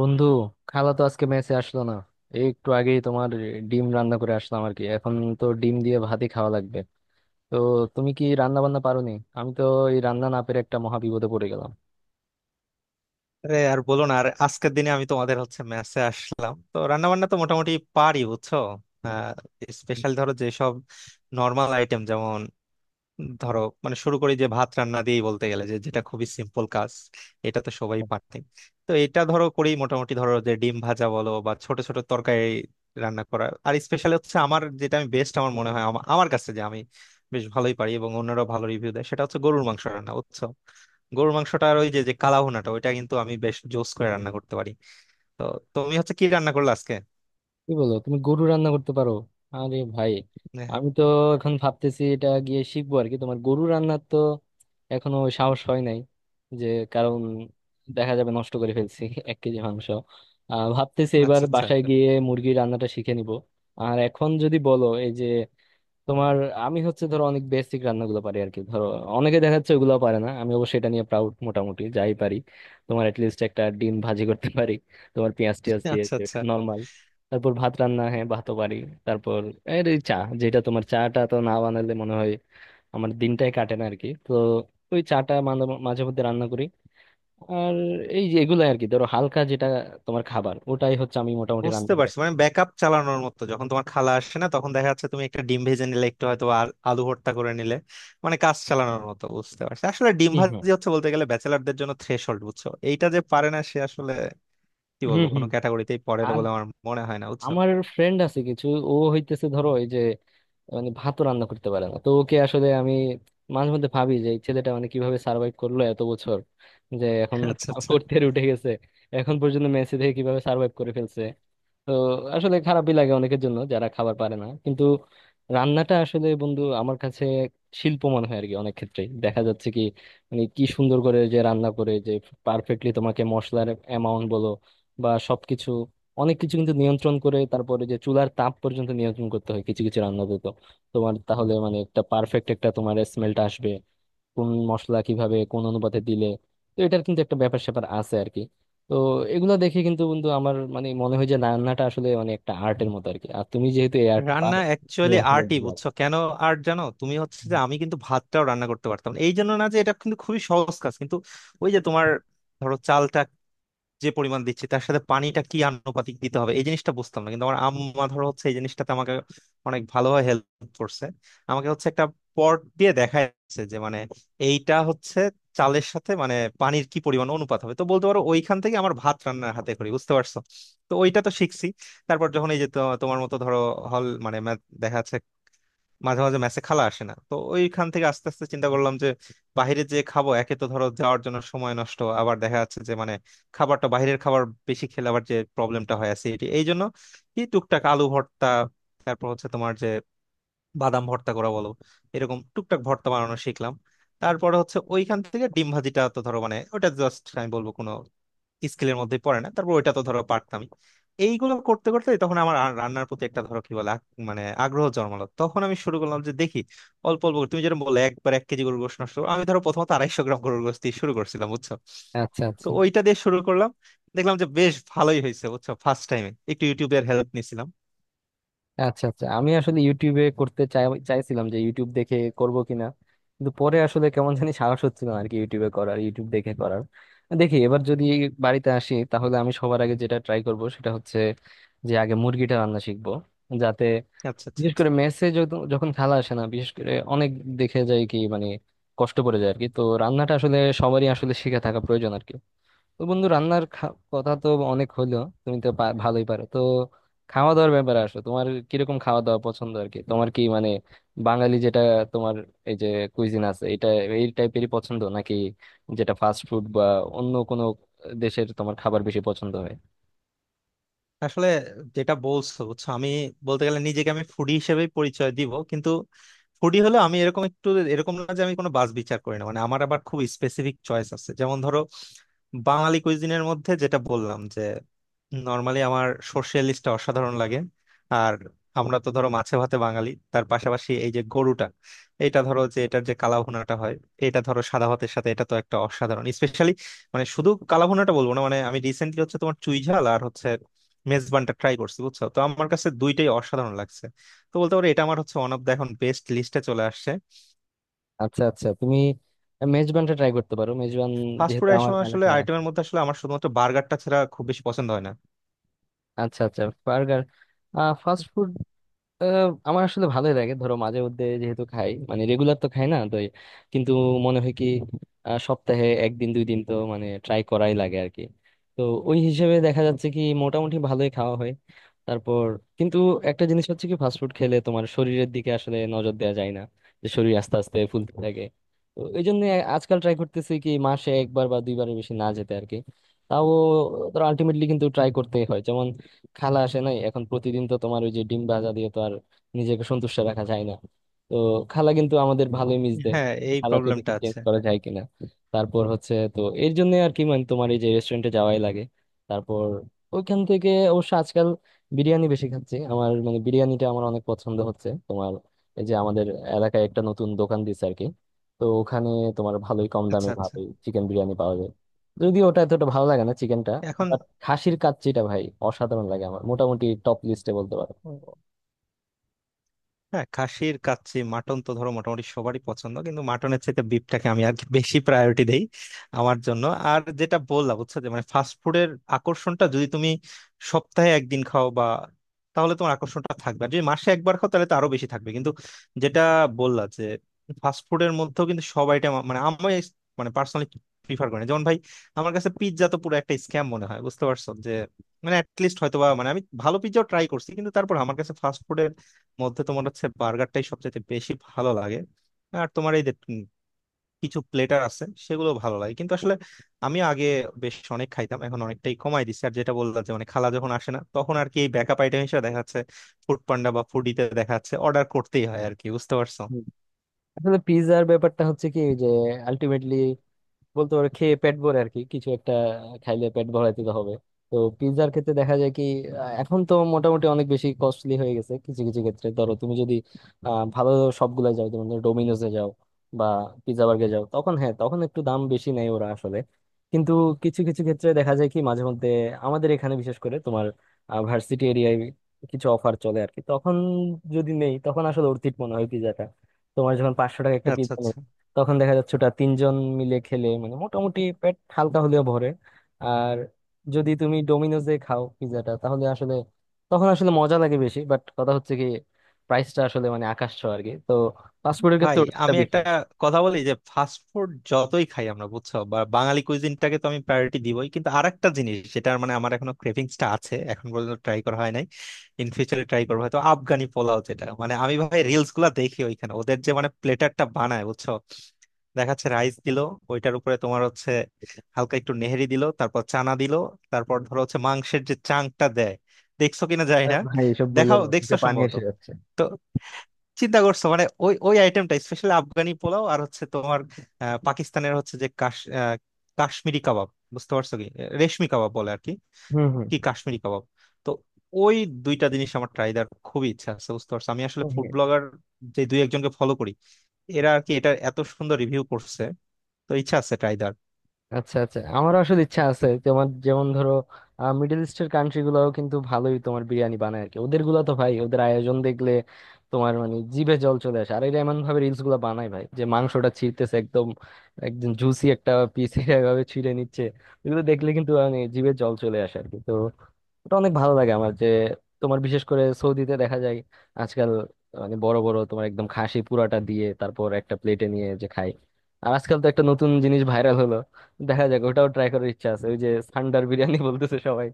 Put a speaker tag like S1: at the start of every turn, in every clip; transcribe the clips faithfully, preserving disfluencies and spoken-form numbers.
S1: বন্ধু, খালা তো আজকে মেসে আসলো না। এই একটু আগেই তোমার ডিম রান্না করে আসলাম আর কি। এখন তো ডিম দিয়ে ভাতই খাওয়া লাগবে। তো তুমি কি রান্না বান্না পারো নি? আমি তো এই রান্না না পেরে একটা মহা বিপদে পড়ে গেলাম।
S2: আরে আর বলো না, আর আজকের দিনে আমি তোমাদের হচ্ছে মেসে আসলাম তো রান্না বান্না তো মোটামুটি পারি বুঝছো। স্পেশাল ধরো যেসব নর্মাল আইটেম, যেমন ধরো মানে শুরু করি যে ভাত রান্না দিয়েই বলতে গেলে, যে যেটা খুবই সিম্পল কাজ, এটা তো সবাই পারতেন। তো এটা ধরো করি মোটামুটি, ধরো যে ডিম ভাজা বলো বা ছোট ছোট তরকারি রান্না করা। আর স্পেশাল হচ্ছে আমার যেটা আমি বেস্ট আমার মনে হয়, আমা- আমার কাছে যে আমি বেশ ভালোই পারি এবং অন্যরাও ভালো রিভিউ দেয়, সেটা হচ্ছে গরুর মাংস রান্না বুঝছো। গরুর মাংসটার ওই যে যে কালা ভুনাটা ওইটা কিন্তু আমি বেশ জোস করে রান্না করতে পারি। তো তুমি হচ্ছে কি রান্না করলে আজকে?
S1: কি বলো, তুমি গরু রান্না করতে পারো? আরে ভাই,
S2: হ্যাঁ,
S1: আমি তো এখন ভাবতেছি এটা গিয়ে শিখবো আর কি। তোমার গরু রান্নার তো এখনো সাহস হয় নাই, যে কারণ দেখা যাবে নষ্ট করে ফেলছি এক কেজি মাংস। আহ ভাবতেছি এবার
S2: আচ্ছা আচ্ছা।
S1: বাসায় গিয়ে মুরগির রান্নাটা শিখে নিব। আর এখন যদি বলো, এই যে তোমার, আমি হচ্ছে ধরো অনেক বেসিক রান্নাগুলো পারি আর কি। ধরো অনেকে দেখা যাচ্ছে ওগুলো পারে না, আমি অবশ্যই এটা নিয়ে প্রাউড, মোটামুটি যাই পারি। তোমার লিস্ট, একটা ডিম ভাজি করতে পারি, তোমার পেঁয়াজ টিয়াজ দিয়ে,
S2: আচ্ছা আচ্ছা।
S1: নর্মাল। তারপর ভাত রান্না, হ্যাঁ ভাতও পারি। তারপর এর এই চা, যেটা তোমার চাটা তো না বানালে মনে হয় আমার দিনটাই কাটে না আর কি। তো ওই চাটা মাঝে মাঝে মধ্যে রান্না করি। আর এই যে এগুলো আর কি, ধরো হালকা যেটা তোমার খাবার, ওটাই হচ্ছে আমি মোটামুটি রান্না
S2: বুঝতে
S1: করি।
S2: পারছি, মানে ব্যাকআপ চালানোর মতো, যখন তোমার খালা আসে না তখন দেখা যাচ্ছে তুমি একটা ডিম ভেজে নিলে একটু হয়তো, আর আলু ভর্তা করে নিলে মানে কাজ চালানোর মতো, বুঝতে পারছি। আসলে ডিম
S1: হুম হুম।
S2: ভাজি হচ্ছে বলতে গেলে ব্যাচেলারদের জন্য থ্রেশহোল্ড বুঝছো, এইটা যে পারে না সে আসলে কি
S1: হুম
S2: বলবো, কোনো
S1: হুম।
S2: ক্যাটাগরিতেই পড়ে না
S1: আর
S2: বলে আমার মনে হয় না বুঝছো।
S1: আমার ফ্রেন্ড আছে কিছু, ও হইতেছে ধরো এই যে, মানে ভাতও রান্না করতে পারে না। তো ওকে আসলে আমি মাঝে মধ্যে ভাবি যে এই ছেলেটা মানে কিভাবে সার্ভাইভ করলো এত বছর, যে এখন
S2: আচ্ছা আচ্ছা।
S1: ফোর্থ ইয়ার উঠে গেছে, এখন পর্যন্ত মেসি থেকে কিভাবে সার্ভাইভ করে ফেলছে। তো আসলে খারাপই লাগে অনেকের জন্য যারা খাবার পারে না। কিন্তু রান্নাটা আসলে বন্ধু আমার কাছে শিল্প মনে হয় আর কি। অনেক ক্ষেত্রে দেখা যাচ্ছে কি, মানে কি সুন্দর করে যে রান্না করে, যে পারফেক্টলি তোমাকে মশলার অ্যামাউন্ট বলো বা সবকিছু, অনেক কিছু কিন্তু নিয়ন্ত্রণ করে, তারপরে যে চুলার তাপ পর্যন্ত নিয়ন্ত্রণ করতে হয় কিছু কিছু রান্নাতে, তোমার তাহলে মানে একটা পারফেক্ট একটা তোমার স্মেলটা আসবে, কোন মশলা কিভাবে কোন অনুপাতে দিলে। তো এটার কিন্তু একটা ব্যাপার স্যাপার আছে আর কি। তো এগুলো দেখে কিন্তু বন্ধু আমার মানে মনে হয় যে রান্নাটা আসলে মানে একটা আর্টের মতো আর কি, আর তুমি যেহেতু এই আর্ট
S2: রান্না
S1: পারো, তুমি
S2: অ্যাকচুয়ালি
S1: আসলে
S2: আর্টই
S1: ভালো।
S2: বুঝছো কেন। আর্ট জানো, তুমি হচ্ছে যে আমি কিন্তু ভাতটাও রান্না করতে পারতাম না। এই জন্য না যে এটা কিন্তু খুবই সহজ কাজ, কিন্তু ওই যে তোমার ধরো চালটা যে পরিমাণ দিচ্ছি তার সাথে পানিটা কি আনুপাতিক দিতে হবে এই জিনিসটা বুঝতাম না, কিন্তু আমার আম্মা ধরো হচ্ছে এই জিনিসটাতে আমাকে অনেক ভালোভাবে হেল্প করছে। আমাকে হচ্ছে একটা পট দিয়ে দেখাচ্ছে যে মানে এইটা হচ্ছে চালের সাথে মানে পানির কি পরিমাণ অনুপাত হবে। তো বলতে পারো ওইখান থেকে আমার ভাত রান্নার হাতে করি বুঝতে পারছো। তো ওইটা তো শিখছি। তারপর যখন এই যে তো- তোমার মতো ধরো হল মানে math দেখা যাচ্ছে মাঝে মাঝে মেসে খালা আসে না, তো ওইখান থেকে আস্তে আস্তে চিন্তা করলাম যে বাইরে যে খাবো, একে তো ধরো যাওয়ার জন্য সময় নষ্ট, আবার দেখা যাচ্ছে যে মানে খাবারটা বাইরের খাবার বেশি খেলে আবার যে প্রবলেমটা হয় অ্যাসিডিটি। এই জন্য কি টুকটাক আলু ভর্তা, তারপর হচ্ছে তোমার যে বাদাম ভর্তা করা বলো, এরকম টুকটাক ভর্তা বানানো শিখলাম। তারপরে হচ্ছে ওইখান থেকে ডিম ভাজিটা তো ধরো মানে ওটা জাস্ট আমি বলবো কোনো স্কিলের মধ্যে পড়ে না, তারপর ওইটা তো ধরো পারতামই। এইগুলো করতে করতে তখন আমার আর রান্নার প্রতি একটা ধরো কি বলে আগ- মানে আগ্রহ জন্মালো, তখন আমি শুরু করলাম যে দেখি অল্প অল্প করে- তুমি যেটা বললে একবার এক কেজি গরুর গোশত নষ্ট করো। আমি ধরো প্রথমত আড়াইশো গ্রাম গরুর গোশত দিয়ে শুরু করছিলাম বুঝছো।
S1: আচ্ছা
S2: তো
S1: আচ্ছা।
S2: ওইটা দিয়ে শুরু করলাম, দেখলাম যে বেশ ভালোই হয়েছে বুঝছো। ফার্স্ট টাইমে একটু ইউটিউবের হেল্প নিয়েছিলাম।
S1: আচ্ছা আচ্ছা, আমি আসলে ইউটিউবে করতে চাই চাইছিলাম যে ইউটিউব দেখে করব কিনা, কিন্তু পরে আসলে কেমন জানি সাহস হচ্ছিল না আর কি, ইউটিউবে করার, ইউটিউব দেখে করার। দেখি এবার যদি বাড়িতে আসি তাহলে আমি সবার আগে যেটা ট্রাই করব সেটা হচ্ছে যে আগে মুরগিটা রান্না শিখবো, যাতে
S2: আচ্ছা আচ্ছা।
S1: বিশেষ করে মেসে যত- যখন খালা আসে না, বিশেষ করে অনেক দেখে যায় কি মানে কষ্ট পড়ে যায় আর কি। তো রান্নাটা আসলে সবারই আসলে শিখে থাকা প্রয়োজন আর কি। তো বন্ধু রান্নার খা- কথা তো অনেক হলো। তুমি তো পা- ভালোই পারো তো। খাওয়া দাওয়ার ব্যাপারে আসো, তোমার কিরকম খাওয়া দাওয়া পছন্দ আর কি? তোমার কি মানে বাঙালি যেটা তোমার এই যে কুইজিন আছে, এটা এই টাইপেরই পছন্দ, নাকি যেটা ফাস্ট ফুড বা অন্য কোনো দেশের তোমার খাবার বেশি পছন্দ হয়?
S2: আসলে যেটা বলছো বুঝছো, আমি বলতে গেলে নিজেকে আমি ফুডি হিসেবে পরিচয় দিব, কিন্তু ফুডি হলো আমি এরকম একটু এরকম না যে আমি কোনো বাছ বিচার করি না, মানে আমার আবার খুব স্পেসিফিক চয়েস আছে। যেমন ধরো বাঙালি কুইজিনের মধ্যে যেটা বললাম যে নর্মালি আমার সর্ষে ইলিশটা অসাধারণ লাগে। আর আমরা তো ধরো মাছে ভাতে বাঙালি, তার পাশাপাশি এই যে গরুটা, এটা ধরো যে এটার যে কালা ভুনাটা হয় এটা ধরো সাদা ভাতের সাথে এটা তো একটা অসাধারণ স্পেশালি। মানে শুধু কালা ভুনাটা বলবো না, মানে আমি রিসেন্টলি হচ্ছে তোমার চুই ঝাল আর হচ্ছে মেজবানটা ট্রাই করছি বুঝছো, তো আমার কাছে দুইটাই অসাধারণ লাগছে। তো বলতে পারো এটা আমার হচ্ছে ওয়ান অফ দ্য এখন বেস্ট লিস্টে চলে আসছে।
S1: আচ্ছা আচ্ছা, তুমি মেজবানটা ট্রাই করতে পারো, মেজবান,
S2: ফাস্ট ফুড
S1: যেহেতু
S2: এর
S1: আমার
S2: সময় আসলে
S1: এলাকায় আসে।
S2: আইটেমের মধ্যে আসলে আমার শুধুমাত্র বার্গারটা ছাড়া খুব বেশি পছন্দ হয় না।
S1: আচ্ছা আচ্ছা, বার্গার, ফাস্ট ফুড। আহ, আমার আসলে ভালোই লাগে ধরো মাঝে মধ্যে, যেহেতু খাই, মানে রেগুলার তো খাই না তো এই- কিন্তু মনে হয় কি, আহ, সপ্তাহে একদিন দুই দিন তো মানে ট্রাই করাই লাগে আর কি। তো ওই হিসেবে দেখা যাচ্ছে কি মোটামুটি ভালোই খাওয়া হয়। তারপর কিন্তু একটা জিনিস হচ্ছে কি, ফাস্টফুড খেলে তোমার শরীরের দিকে আসলে নজর দেওয়া যায় না, যে শরীর আস্তে আস্তে ফুলতে থাকে। তো এই জন্য আজকাল ট্রাই করতেছি কি মাসে একবার বা দুইবারের বেশি না যেতে আর কি। তাও ধরো আলটিমেটলি কিন্তু ট্রাই করতেই হয়। খালা আসে নাই এখন প্রতিদিন, তো তোমার ওই যে ডিম ভাজা দিয়ে তো আর নিজেকে সন্তুষ্ট রাখা যায় না। তো খালা কিন্তু আমাদের ভালোই মিস দেয়।
S2: হ্যাঁ, এই
S1: খালাকে দেখি
S2: প্রবলেমটা
S1: চেঞ্জ
S2: আছে।
S1: করা যায় কিনা। তারপর হচ্ছে তো এর জন্য আর কি, মানে তোমার এই যে রেস্টুরেন্টে যাওয়াই লাগে। তারপর ওইখান থেকে অবশ্য আজকাল বিরিয়ানি বেশি খাচ্ছি, আমার মানে বিরিয়ানিটা আমার অনেক পছন্দ হচ্ছে। তোমার এই যে আমাদের এলাকায় একটা নতুন দোকান দিচ্ছে আর কি, তো ওখানে তোমার ভালোই কম
S2: আচ্ছা
S1: দামে
S2: আচ্ছা।
S1: ভালোই চিকেন বিরিয়ানি পাওয়া যায়, যদিও ওটা এতটা ভালো লাগে না চিকেনটা।
S2: এখন
S1: খাসির কাচ্চিটা ভাই অসাধারণ লাগে আমার, মোটামুটি টপ লিস্টে বলতে পারো।
S2: ও, হ্যাঁ, খাসির কাচ্চি মাটন তো ধরো মোটামুটি সবারই পছন্দ, কিন্তু মাটনের চাইতে বিফটাকে আমি আর কি বেশি প্রায়োরিটি দেই আমার জন্য। আর যেটা বললাম বুঝছো যে মানে ফাস্ট ফুডের আকর্ষণটা যদি তুমি সপ্তাহে একদিন খাও বা, তাহলে তোমার আকর্ষণটা থাকবে, আর যদি মাসে একবার খাও তাহলে তো আরো বেশি থাকবে। কিন্তু যেটা বললা যে ফাস্ট ফুডের মধ্যেও কিন্তু সব আইটেম মানে আমি মানে পার্সোনালি প্রিফার করি না। যেমন ভাই আমার কাছে পিৎজা তো পুরো একটা স্ক্যাম মনে হয় বুঝতে পারছো যে মানে অ্যাটলিস্ট হয়তো বা মানে আমি ভালো পিৎজাও ট্রাই করছি, কিন্তু তারপর আমার কাছে ফাস্ট মধ্যে তোমার হচ্ছে বার্গারটাই সবচেয়ে বেশি ভালো লাগে। আর তোমার এই যে উম কিছু প্লেটার আছে সেগুলো ভালো লাগে, কিন্তু আসলে আমি আগে বেশ অনেক খাইতাম, এখন অনেকটাই কমাই দিচ্ছি। আর যেটা বললাম যে মানে খালা যখন আসে না তখন আর কি এই ব্যাকআপ আইটেম হিসেবে দেখা যাচ্ছে ফুড পান্ডা বা ফুডিতে দেখা যাচ্ছে অর্ডার করতেই হয় আর কি, বুঝতে পারছো।
S1: হুম। আসলে পিৎজার ব্যাপারটা হচ্ছে কি, যে আলটিমেটলি বলতে পারো খেয়ে পেট ভরে আর কি, কিছু একটা খাইলে পেট ভরাইতে তো হবে। তো পিৎজার ক্ষেত্রে দেখা যায় কি, আহ, এখন তো মোটামুটি অনেক বেশি কস্টলি হয়ে গেছে। কিছু কিছু ক্ষেত্রে ধরো তুমি যদি আহ, ভালো সবগুলা যাও, যেমন ধরো ডোমিনোসে যাও বা পিৎজা বার্গে যাও, তখন হ্যাঁ তখন একটু দাম বেশি নেয় ওরা আসলে। কিন্তু কিছু কিছু ক্ষেত্রে দেখা যায় কি মাঝে মধ্যে আমাদের এখানে বিশেষ করে তোমার ভার্সিটি এরিয়ায় কিছু অফার চলে আর কি, তখন যদি নেই তখন আসলে অর্থিত মনে হয় পিৎজাটা, তোমার যখন পাঁচশো টাকা একটা
S2: আচ্ছা
S1: পিৎজা,
S2: আচ্ছা।
S1: তখন দেখা যাচ্ছে ওটা তিনজন মিলে খেলে মানে মোটামুটি পেট হালকা হলেও ভরে। আর যদি তুমি ডোমিনোজে খাও পিৎজাটা তাহলে আসলে তখন আসলে মজা লাগে বেশি, বাট কথা হচ্ছে কি প্রাইসটা আসলে মানে আকাশ ছোঁয়া আর কি। তো ফাস্টফুডের
S2: ভাই
S1: ক্ষেত্রে ওটা একটা
S2: আমি একটা
S1: বিষয়।
S2: কথা বলি যে ফাস্ট ফুড যতই খাই আমরা বুঝছো বা বাঙালি কুইজিনটাকে তো আমি প্রায়োরিটি দিবই, কিন্তু আরেকটা জিনিস যেটা মানে আমার এখনো ক্রেভিংসটা আছে এখন পর্যন্ত ট্রাই করা হয় নাই। ইন ফিউচারে ট্রাই করবো হয়তো আফগানি পোলাও, যেটা মানে আমি ভাই রিলস গুলা দেখি ওইখানে ওদের যে মানে প্লেটারটা বানায় বুঝছো। দেখাচ্ছে রাইস দিলো, ওইটার উপরে তোমার হচ্ছে হালকা একটু নেহেরি দিলো, তারপর চানা দিলো, তারপর ধরো হচ্ছে মাংসের যে চাংটা দেয়, দেখছো কিনা যায়
S1: আরে
S2: না।
S1: ভাই, এসব বললো
S2: দেখাও
S1: না,
S2: দেখছো
S1: যে পানি
S2: সম্ভবত।
S1: এসে যাচ্ছে।
S2: তো চিন্তা করছো মানে ওই ওই আইটেমটা স্পেশালি আফগানি পোলাও, আর হচ্ছে তোমার আহ, পাকিস্তানের হচ্ছে যে কাশ আহ, কাশ্মীরি কাবাব বুঝতে পারছো কি, রেশমি কাবাব বলে আর কি,
S1: হম
S2: কি কাশ্মীরি কাবাব। তো ওই দুইটা জিনিস আমার ট্রাই দেওয়ার খুবই ইচ্ছা আছে বুঝতে পারছো। আমি আসলে ফুড
S1: হম।
S2: ব্লগার যে দুই একজনকে ফলো করি, এরা আর কি এটা এত সুন্দর রিভিউ করছে, তো ইচ্ছা আছে ট্রাই দেওয়ার।
S1: আচ্ছা আচ্ছা, আমারও আসলে ইচ্ছা আছে তোমার যেমন ধরো মিডল ইস্টের কান্ট্রি গুলাও কিন্তু ভালোই তোমার বিরিয়ানি বানায় আর কি, ওদের গুলা তো ভাই, ওদের আয়োজন দেখলে তোমার মানে জিভে জল চলে আসে। আর এরা এমন ভাবে রিলস গুলা বানায় ভাই, যে মাংসটা ছিঁড়তেছে একদম, একদম জুসি একটা পিস, এভাবে ছিঁড়ে নিচ্ছে। এগুলো দেখলে কিন্তু মানে জিভে জল চলে আসে আর কি। তো ওটা অনেক ভালো লাগে আমার, যে তোমার বিশেষ করে সৌদিতে দেখা যায় আজকাল, মানে বড় বড় তোমার একদম খাসি পুরাটা দিয়ে তারপর একটা প্লেটে নিয়ে যে খাই। আর আজকাল তো একটা নতুন জিনিস ভাইরাল হলো, দেখা যাক ওটাও ট্রাই করার ইচ্ছা আছে, ওই যে সান্ডার বিরিয়ানি বলতেছে সবাই।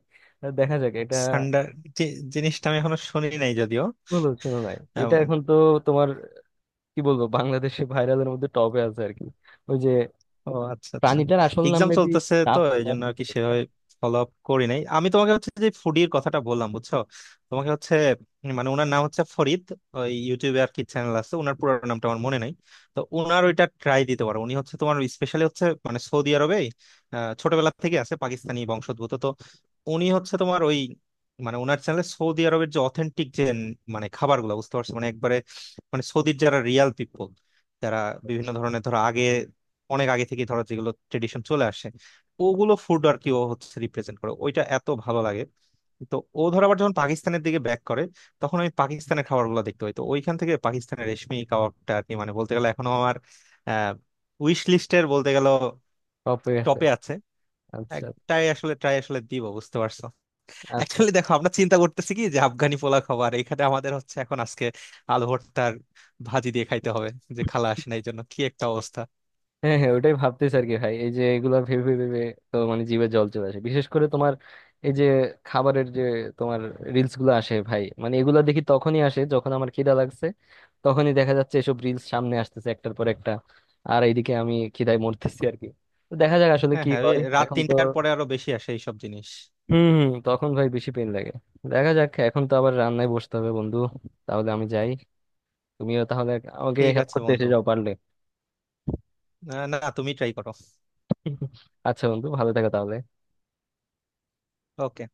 S1: দেখা যাক এটা,
S2: সান্ডা, যে জিনিসটা আমি এখনো শুনি নাই যদিও।
S1: বলো শুনো নাই? এটা এখন তো তোমার কি বলবো বাংলাদেশে ভাইরালের মধ্যে টপে আছে আর কি। ওই যে
S2: ও আচ্ছা আচ্ছা,
S1: প্রাণীটার আসল নাম
S2: এক্সাম
S1: মেবি
S2: চলতেছে তো
S1: টাপ
S2: এই
S1: বা
S2: জন্য আর কি
S1: কিছু একটা,
S2: সেভাবে ফলো আপ করি নাই। আমি তোমাকে হচ্ছে যে ফুডির কথাটা বললাম বুঝছো, তোমাকে হচ্ছে উম, মানে ওনার নাম হচ্ছে ফরিদ, ওই ইউটিউবে আর কি চ্যানেল আছে ওনার, পুরো নামটা আমার মনে নাই। তো ওনার ওইটা ট্রাই দিতে পারো, উনি হচ্ছে তোমার স্পেশালি হচ্ছে মানে সৌদি আরবে আহ, ছোটবেলা থেকে আছে, পাকিস্তানি বংশোদ্ভূত। তো উনি হচ্ছে তোমার ওই মানে ওনার চ্যানেলে সৌদি আরবের যে অথেন্টিক যে মানে খাবারগুলো বুঝতে পারছো মানে একবারে, মানে সৌদির যারা রিয়াল পিপল, যারা বিভিন্ন ধরনের ধরো আগে অনেক আগে থেকে ধরো যেগুলো ট্রেডিশন চলে আসে, ওগুলো ফুড আর কি ও হচ্ছে রিপ্রেজেন্ট করে ওইটা এত ভালো লাগে। তো ও ধর আবার যখন পাকিস্তানের দিকে ব্যাক করে তখন আমি পাকিস্তানের খাবারগুলো দেখতে পাই, তো ওইখান থেকে পাকিস্তানের রেশমি কাবাবটা আর কি মানে বলতে গেলে এখনো আমার আহ উইশ লিস্টের বলতে গেল
S1: টপে আছে।
S2: টপে আছে।
S1: আচ্ছা
S2: একটাই আসলে ট্রাই আসলে দিব বুঝতে পারছো।
S1: আচ্ছা।
S2: অ্যাকচুয়ালি দেখো আমরা চিন্তা করতেছি কি যে আফগানি পোলা খাবার, এখানে আমাদের হচ্ছে এখন আজকে আলু ভর্তার ভাজি দিয়ে খাইতে হবে, যে খালা আসে না এই জন্য কি একটা অবস্থা।
S1: হ্যাঁ হ্যাঁ, ওটাই ভাবতেছি আর কি। ভাই এই যে এগুলা ভেবে ভেবে ভেবে তো মানে জিভে জল চলে আসে, বিশেষ করে তোমার এই যে খাবারের যে তোমার রিলস গুলো আসে ভাই, মানে এগুলা দেখি তখনই আসে যখন আমার খিদা লাগছে, তখনই দেখা যাচ্ছে এসব রিলস সামনে আসতেছে একটার পর একটা, আর এইদিকে আমি খিদায় মরতেছি আর কি। তো দেখা যাক আসলে
S2: হ্যাঁ
S1: কি
S2: হ্যাঁ, ওই
S1: হয়
S2: রাত
S1: এখন তো।
S2: তিনটার পরে আরো বেশি আসে এইসব জিনিস।
S1: হম হম, তখন ভাই বেশি পেন লাগে। দেখা যাক, এখন তো আবার রান্নায় বসতে হবে বন্ধু, তাহলে আমি যাই। তুমিও তাহলে আমাকে
S2: ঠিক
S1: হেল্প
S2: আছে
S1: করতে এসে
S2: বন্ধু,
S1: যাও পারলে।
S2: আহ, না তুমি ট্রাই করো।
S1: আচ্ছা বন্ধু, ভালো থাকো তাহলে।
S2: ওকে।